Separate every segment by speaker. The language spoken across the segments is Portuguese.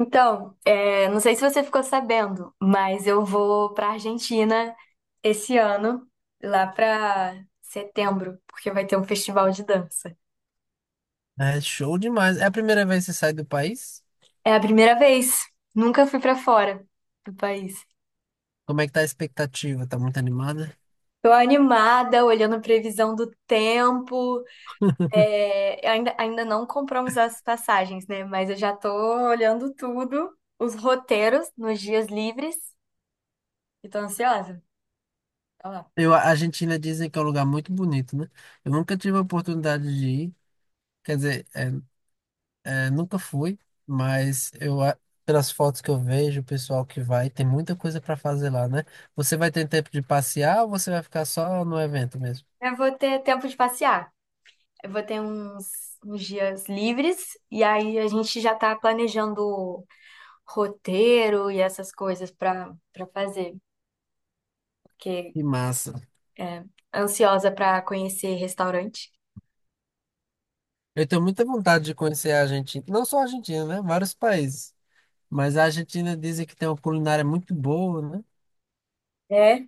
Speaker 1: Então, não sei se você ficou sabendo, mas eu vou para Argentina esse ano, lá para setembro, porque vai ter um festival de dança.
Speaker 2: É show demais. É a primeira vez que você sai do país?
Speaker 1: É a primeira vez, nunca fui para fora do país.
Speaker 2: Como é que tá a expectativa? Tá muito animada?
Speaker 1: Tô animada, olhando a previsão do tempo. Ainda não compramos as passagens, né? Mas eu já tô olhando tudo, os roteiros nos dias livres, e tô ansiosa. Olha lá.
Speaker 2: A Argentina dizem que é um lugar muito bonito, né? Eu nunca tive a oportunidade de ir, quer dizer, nunca fui, mas eu, pelas fotos que eu vejo, o pessoal que vai, tem muita coisa para fazer lá, né? Você vai ter tempo de passear ou você vai ficar só no evento mesmo?
Speaker 1: Eu vou ter tempo de passear. Eu vou ter uns dias livres e aí a gente já tá planejando roteiro e essas coisas pra para fazer, porque
Speaker 2: Que massa.
Speaker 1: é ansiosa pra conhecer restaurante.
Speaker 2: Eu tenho muita vontade de conhecer a Argentina, não só a Argentina, né? Vários países. Mas a Argentina dizem que tem uma culinária muito boa, né?
Speaker 1: É,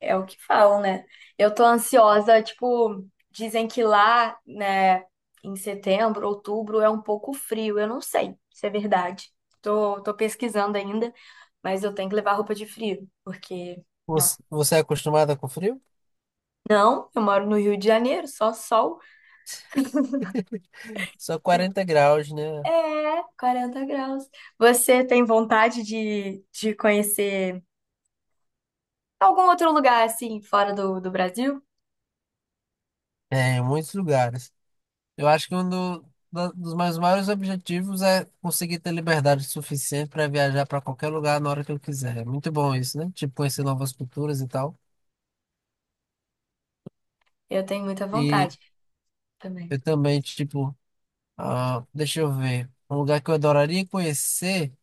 Speaker 1: é o que falam, né? Eu tô ansiosa, tipo, dizem que lá, né, em setembro, outubro é um pouco frio. Eu não sei se é verdade. Tô pesquisando ainda, mas eu tenho que levar roupa de frio, porque não.
Speaker 2: Você é acostumada com frio?
Speaker 1: Não, eu moro no Rio de Janeiro, só sol.
Speaker 2: Só 40 graus, né?
Speaker 1: É, 40 graus. Você tem vontade de conhecer algum outro lugar assim, fora do Brasil?
Speaker 2: É, em muitos lugares. Eu acho que um dos meus maiores objetivos é conseguir ter liberdade suficiente para viajar para qualquer lugar na hora que eu quiser. É muito bom isso, né? Tipo, conhecer novas culturas e tal.
Speaker 1: Eu tenho muita
Speaker 2: E
Speaker 1: vontade também.
Speaker 2: eu também, tipo, ah, deixa eu ver. Um lugar que eu adoraria conhecer,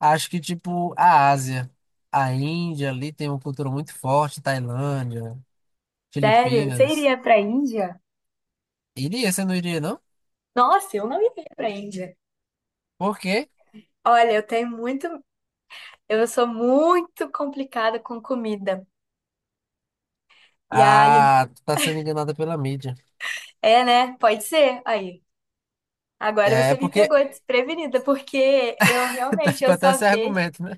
Speaker 2: acho que, tipo, a Ásia. A Índia ali tem uma cultura muito forte, Tailândia,
Speaker 1: Sério? Você
Speaker 2: Filipinas.
Speaker 1: iria pra Índia?
Speaker 2: Iria, você não iria, não?
Speaker 1: Nossa, eu não iria pra Índia.
Speaker 2: porque
Speaker 1: Olha, eu tenho muito. Eu sou muito complicada com comida. E a. ali
Speaker 2: Ah, tu tá sendo enganada pela mídia.
Speaker 1: É, né? Pode ser. Aí. Agora
Speaker 2: É, é
Speaker 1: você me
Speaker 2: porque
Speaker 1: pegou desprevenida, porque eu
Speaker 2: tá
Speaker 1: realmente
Speaker 2: com
Speaker 1: eu
Speaker 2: até
Speaker 1: só
Speaker 2: esse
Speaker 1: vejo.
Speaker 2: argumento, né?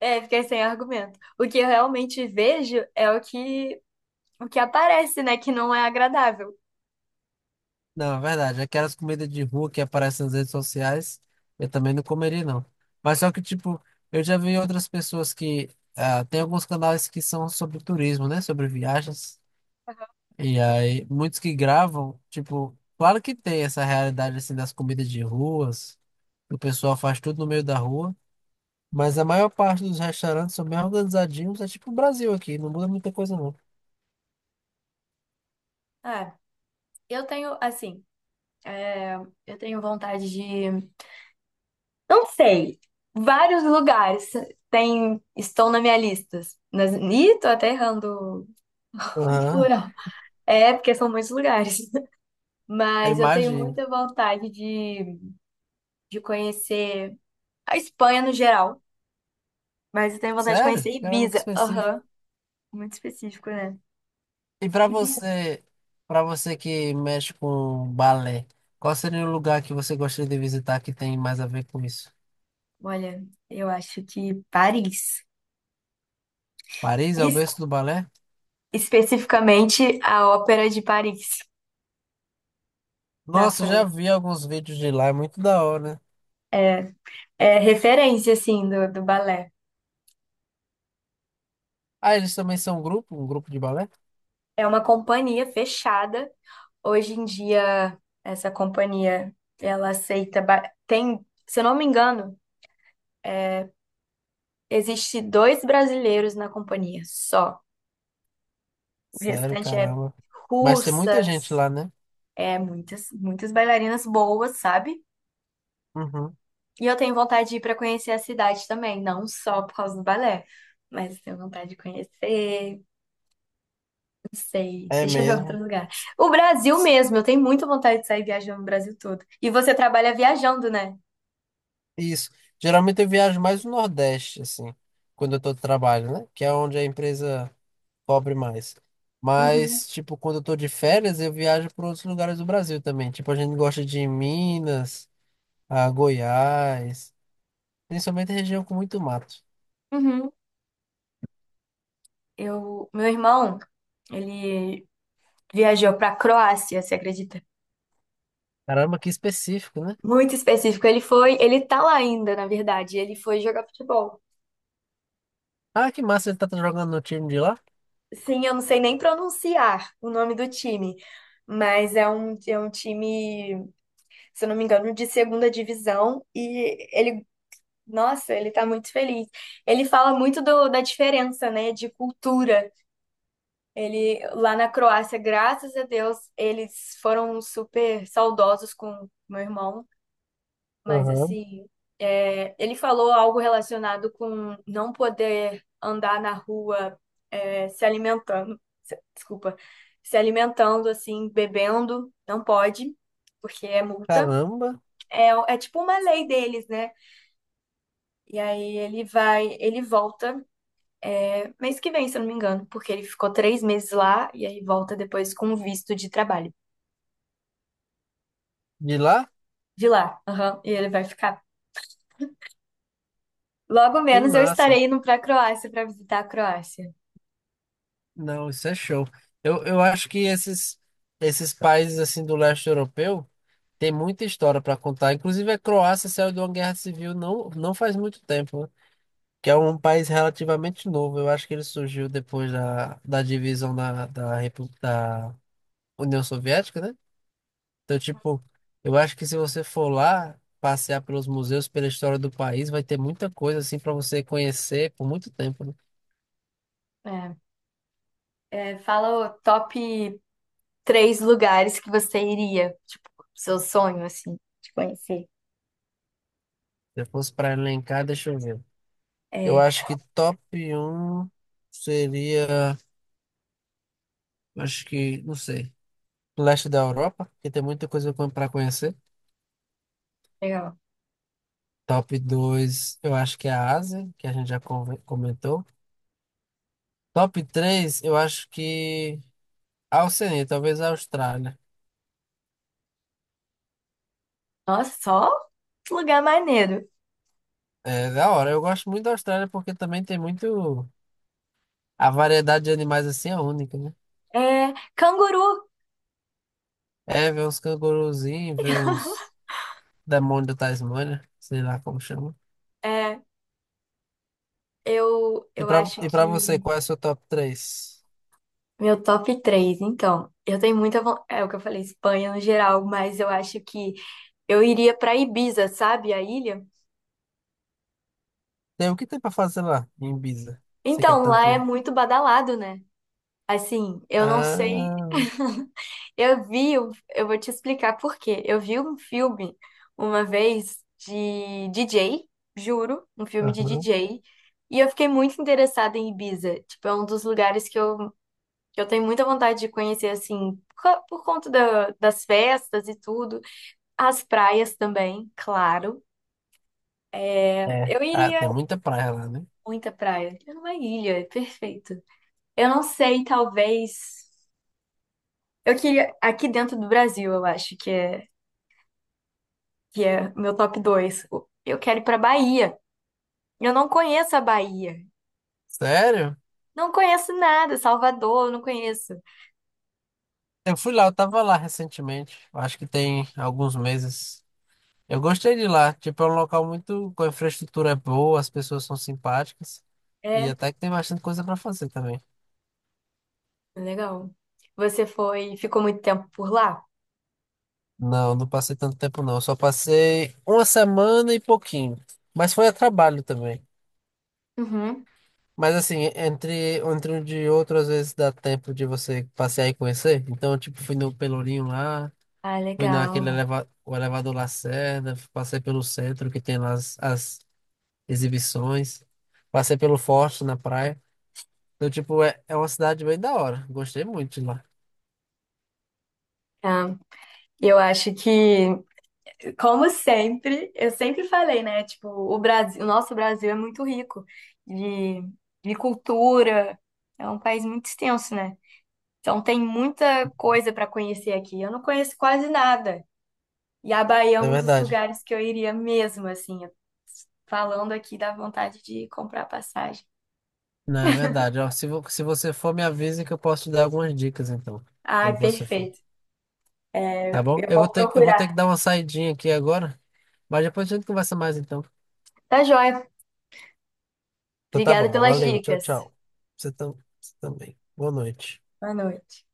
Speaker 1: É, fiquei sem argumento. O que eu realmente vejo é o que aparece, né, que não é agradável.
Speaker 2: Não, é verdade. Aquelas comidas de rua que aparecem nas redes sociais, eu também não comeria, não. Mas só que, tipo, eu já vi outras pessoas que. Ah, tem alguns canais que são sobre turismo, né? Sobre viagens. E aí, muitos que gravam, tipo, claro que tem essa realidade, assim, das comidas de ruas. Que O pessoal faz tudo no meio da rua. Mas a maior parte dos restaurantes são bem organizadinhos. É tipo o Brasil aqui, não muda muita coisa, não.
Speaker 1: É, eu tenho, assim, é, eu tenho vontade de, não sei, vários lugares tem, estão na minha lista. Nas, ih, tô até errando o
Speaker 2: Aham,
Speaker 1: plural. É, porque são muitos lugares.
Speaker 2: eu
Speaker 1: Mas eu tenho
Speaker 2: imagino.
Speaker 1: muita vontade de conhecer a Espanha no geral. Mas eu tenho vontade de
Speaker 2: Sério?
Speaker 1: conhecer
Speaker 2: Caramba, que
Speaker 1: Ibiza.
Speaker 2: específico.
Speaker 1: Aham, muito específico, né?
Speaker 2: E pra
Speaker 1: Ibiza.
Speaker 2: você, para você que mexe com balé, qual seria o lugar que você gostaria de visitar que tem mais a ver com isso?
Speaker 1: Olha, eu acho que Paris.
Speaker 2: Paris é o
Speaker 1: Isso
Speaker 2: berço do balé?
Speaker 1: especificamente a Ópera de Paris, na
Speaker 2: Nossa, eu já
Speaker 1: França.
Speaker 2: vi alguns vídeos de lá, é muito da hora, né?
Speaker 1: É, é referência, assim, do balé.
Speaker 2: Ah, eles também são um grupo de balé?
Speaker 1: É uma companhia fechada. Hoje em dia, essa companhia, ela aceita... Tem, se eu não me engano, existe dois brasileiros na companhia, só. O
Speaker 2: Sério,
Speaker 1: restante é
Speaker 2: caramba. Mas tem muita gente
Speaker 1: russas,
Speaker 2: lá, né?
Speaker 1: é muitas, muitas bailarinas boas, sabe?
Speaker 2: Uhum,
Speaker 1: E eu tenho vontade de ir para conhecer a cidade também, não só por causa do balé, mas tenho vontade de conhecer. Sei.
Speaker 2: é
Speaker 1: Deixa eu ver outro
Speaker 2: mesmo.
Speaker 1: lugar. O Brasil mesmo. Eu tenho muita vontade de sair viajando o Brasil todo. E você trabalha viajando, né?
Speaker 2: Isso. Geralmente eu viajo mais no Nordeste, assim, quando eu tô de trabalho, né? Que é onde a empresa cobre mais.
Speaker 1: Uhum.
Speaker 2: Mas, tipo, quando eu tô de férias, eu viajo para outros lugares do Brasil também. Tipo, a gente gosta de Minas, a Goiás, principalmente região com muito mato.
Speaker 1: Uhum. Eu, meu irmão, ele viajou pra Croácia, você acredita?
Speaker 2: Caramba, que específico, né?
Speaker 1: Muito específico. Ele tá lá ainda, na verdade. Ele foi jogar futebol.
Speaker 2: Ah, que massa, ele tá jogando no time de lá?
Speaker 1: Sim, eu não sei nem pronunciar o nome do time, mas é um time, se eu não me engano, de segunda divisão. E ele Nossa, ele tá muito feliz. Ele fala muito da diferença, né, de cultura. Ele lá na Croácia, graças a Deus, eles foram super saudosos com meu irmão, mas
Speaker 2: Aham.
Speaker 1: assim, ele falou algo relacionado com não poder andar na rua, se alimentando, desculpa, se alimentando assim, bebendo, não pode, porque é multa.
Speaker 2: Caramba,
Speaker 1: É, é tipo uma lei deles, né? E aí ele volta. Mês que vem, se eu não me engano, porque ele ficou 3 meses lá e aí volta depois com um visto de trabalho.
Speaker 2: de lá?
Speaker 1: De lá, aham, e ele vai ficar. Logo
Speaker 2: Que
Speaker 1: menos eu
Speaker 2: massa.
Speaker 1: estarei indo para a Croácia para visitar a Croácia.
Speaker 2: Não, isso é show. Eu acho que esses países assim do leste europeu tem muita história para contar. Inclusive a Croácia saiu de uma guerra civil não faz muito tempo, né? Que é um país relativamente novo. Eu acho que ele surgiu depois da divisão da União Soviética, né? Então, tipo, eu acho que se você for lá passear pelos museus, pela história do país, vai ter muita coisa assim para você conhecer por muito tempo, né?
Speaker 1: É, Fala o top três lugares que você iria, tipo, seu sonho, assim, de conhecer.
Speaker 2: Se eu fosse para elencar, deixa eu ver. Eu
Speaker 1: É,
Speaker 2: acho que top um seria, acho que, não sei, leste da Europa, que tem muita coisa para conhecer.
Speaker 1: legal.
Speaker 2: Top 2, eu acho que é a Ásia, que a gente já comentou. Top 3, eu acho que a Oceania, talvez a Austrália.
Speaker 1: Nossa, só lugar maneiro.
Speaker 2: É da hora, eu gosto muito da Austrália porque também tem muito. A variedade de animais assim é única, né?
Speaker 1: É, canguru.
Speaker 2: É, ver uns canguruzinhos, ver uns demônios da Tasmânia, sei lá como chama.
Speaker 1: É, eu,
Speaker 2: E
Speaker 1: eu
Speaker 2: pra,
Speaker 1: acho
Speaker 2: e pra você,
Speaker 1: que
Speaker 2: qual é o seu top 3?
Speaker 1: Meu top 3 então. Eu tenho muita vontade. É o que eu falei, Espanha no geral, mas eu acho que eu iria pra Ibiza, sabe? A ilha.
Speaker 2: Tem o que tem pra fazer lá em Ibiza? Você quer
Speaker 1: Então, lá
Speaker 2: tanto
Speaker 1: é
Speaker 2: ir?
Speaker 1: muito badalado, né? Assim, eu não sei.
Speaker 2: Ah,
Speaker 1: Eu vou te explicar por quê. Eu vi um filme uma vez de DJ, juro, um filme de
Speaker 2: aham.
Speaker 1: DJ, e eu fiquei muito interessada em Ibiza. Tipo, é um dos lugares que eu, tenho muita vontade de conhecer, assim, por conta das festas e tudo. As praias também, claro. É,
Speaker 2: É.
Speaker 1: Eu
Speaker 2: Ah,
Speaker 1: iria
Speaker 2: tem muita praia lá, né?
Speaker 1: muita praia. É uma ilha, é perfeito. Eu não sei, talvez. Eu queria aqui dentro do Brasil, eu acho que é meu top 2 Eu quero ir pra Bahia. Eu não conheço a Bahia.
Speaker 2: Sério?
Speaker 1: Não conheço nada, Salvador, eu não conheço.
Speaker 2: Eu fui lá, eu tava lá recentemente. Eu acho que tem alguns meses. Eu gostei de lá. Tipo, é um local muito com a infraestrutura é boa, as pessoas são simpáticas. E
Speaker 1: É,
Speaker 2: até que tem bastante coisa pra fazer também.
Speaker 1: legal. Você foi, ficou muito tempo por lá?
Speaker 2: Não, não passei tanto tempo não. Eu só passei uma semana e pouquinho. Mas foi a trabalho também.
Speaker 1: Uhum.
Speaker 2: Mas assim, entre um de outro, às vezes dá tempo de você passear e conhecer. Então, tipo, fui no Pelourinho lá,
Speaker 1: Ah,
Speaker 2: fui
Speaker 1: legal.
Speaker 2: o elevador Lacerda, passei pelo centro que tem lá as exibições, passei pelo Forte na praia. Então, tipo, é uma cidade bem da hora. Gostei muito de lá.
Speaker 1: Tá. Eu acho que Como sempre, eu sempre falei, né? Tipo, o Brasil, o nosso Brasil é muito rico de, de cultura, é um país muito extenso, né? Então tem muita coisa para conhecer aqui. Eu não conheço quase nada. E a Bahia é
Speaker 2: É
Speaker 1: um dos
Speaker 2: verdade.
Speaker 1: lugares que eu iria mesmo, assim, falando aqui da vontade de comprar passagem.
Speaker 2: Não, é verdade. Ó, se você for, me avisa que eu posso te dar algumas dicas, então,
Speaker 1: Ai,
Speaker 2: quando você for.
Speaker 1: perfeito.
Speaker 2: Tá
Speaker 1: É,
Speaker 2: bom?
Speaker 1: eu
Speaker 2: Eu vou
Speaker 1: vou
Speaker 2: ter, que- eu vou ter que
Speaker 1: procurar.
Speaker 2: dar uma saidinha aqui agora, mas depois a gente conversa mais, então.
Speaker 1: Tá joia.
Speaker 2: Então tá
Speaker 1: Obrigada
Speaker 2: bom,
Speaker 1: pelas
Speaker 2: valeu, tchau,
Speaker 1: dicas.
Speaker 2: tchau. Você tam- você também. Boa noite.
Speaker 1: Boa noite.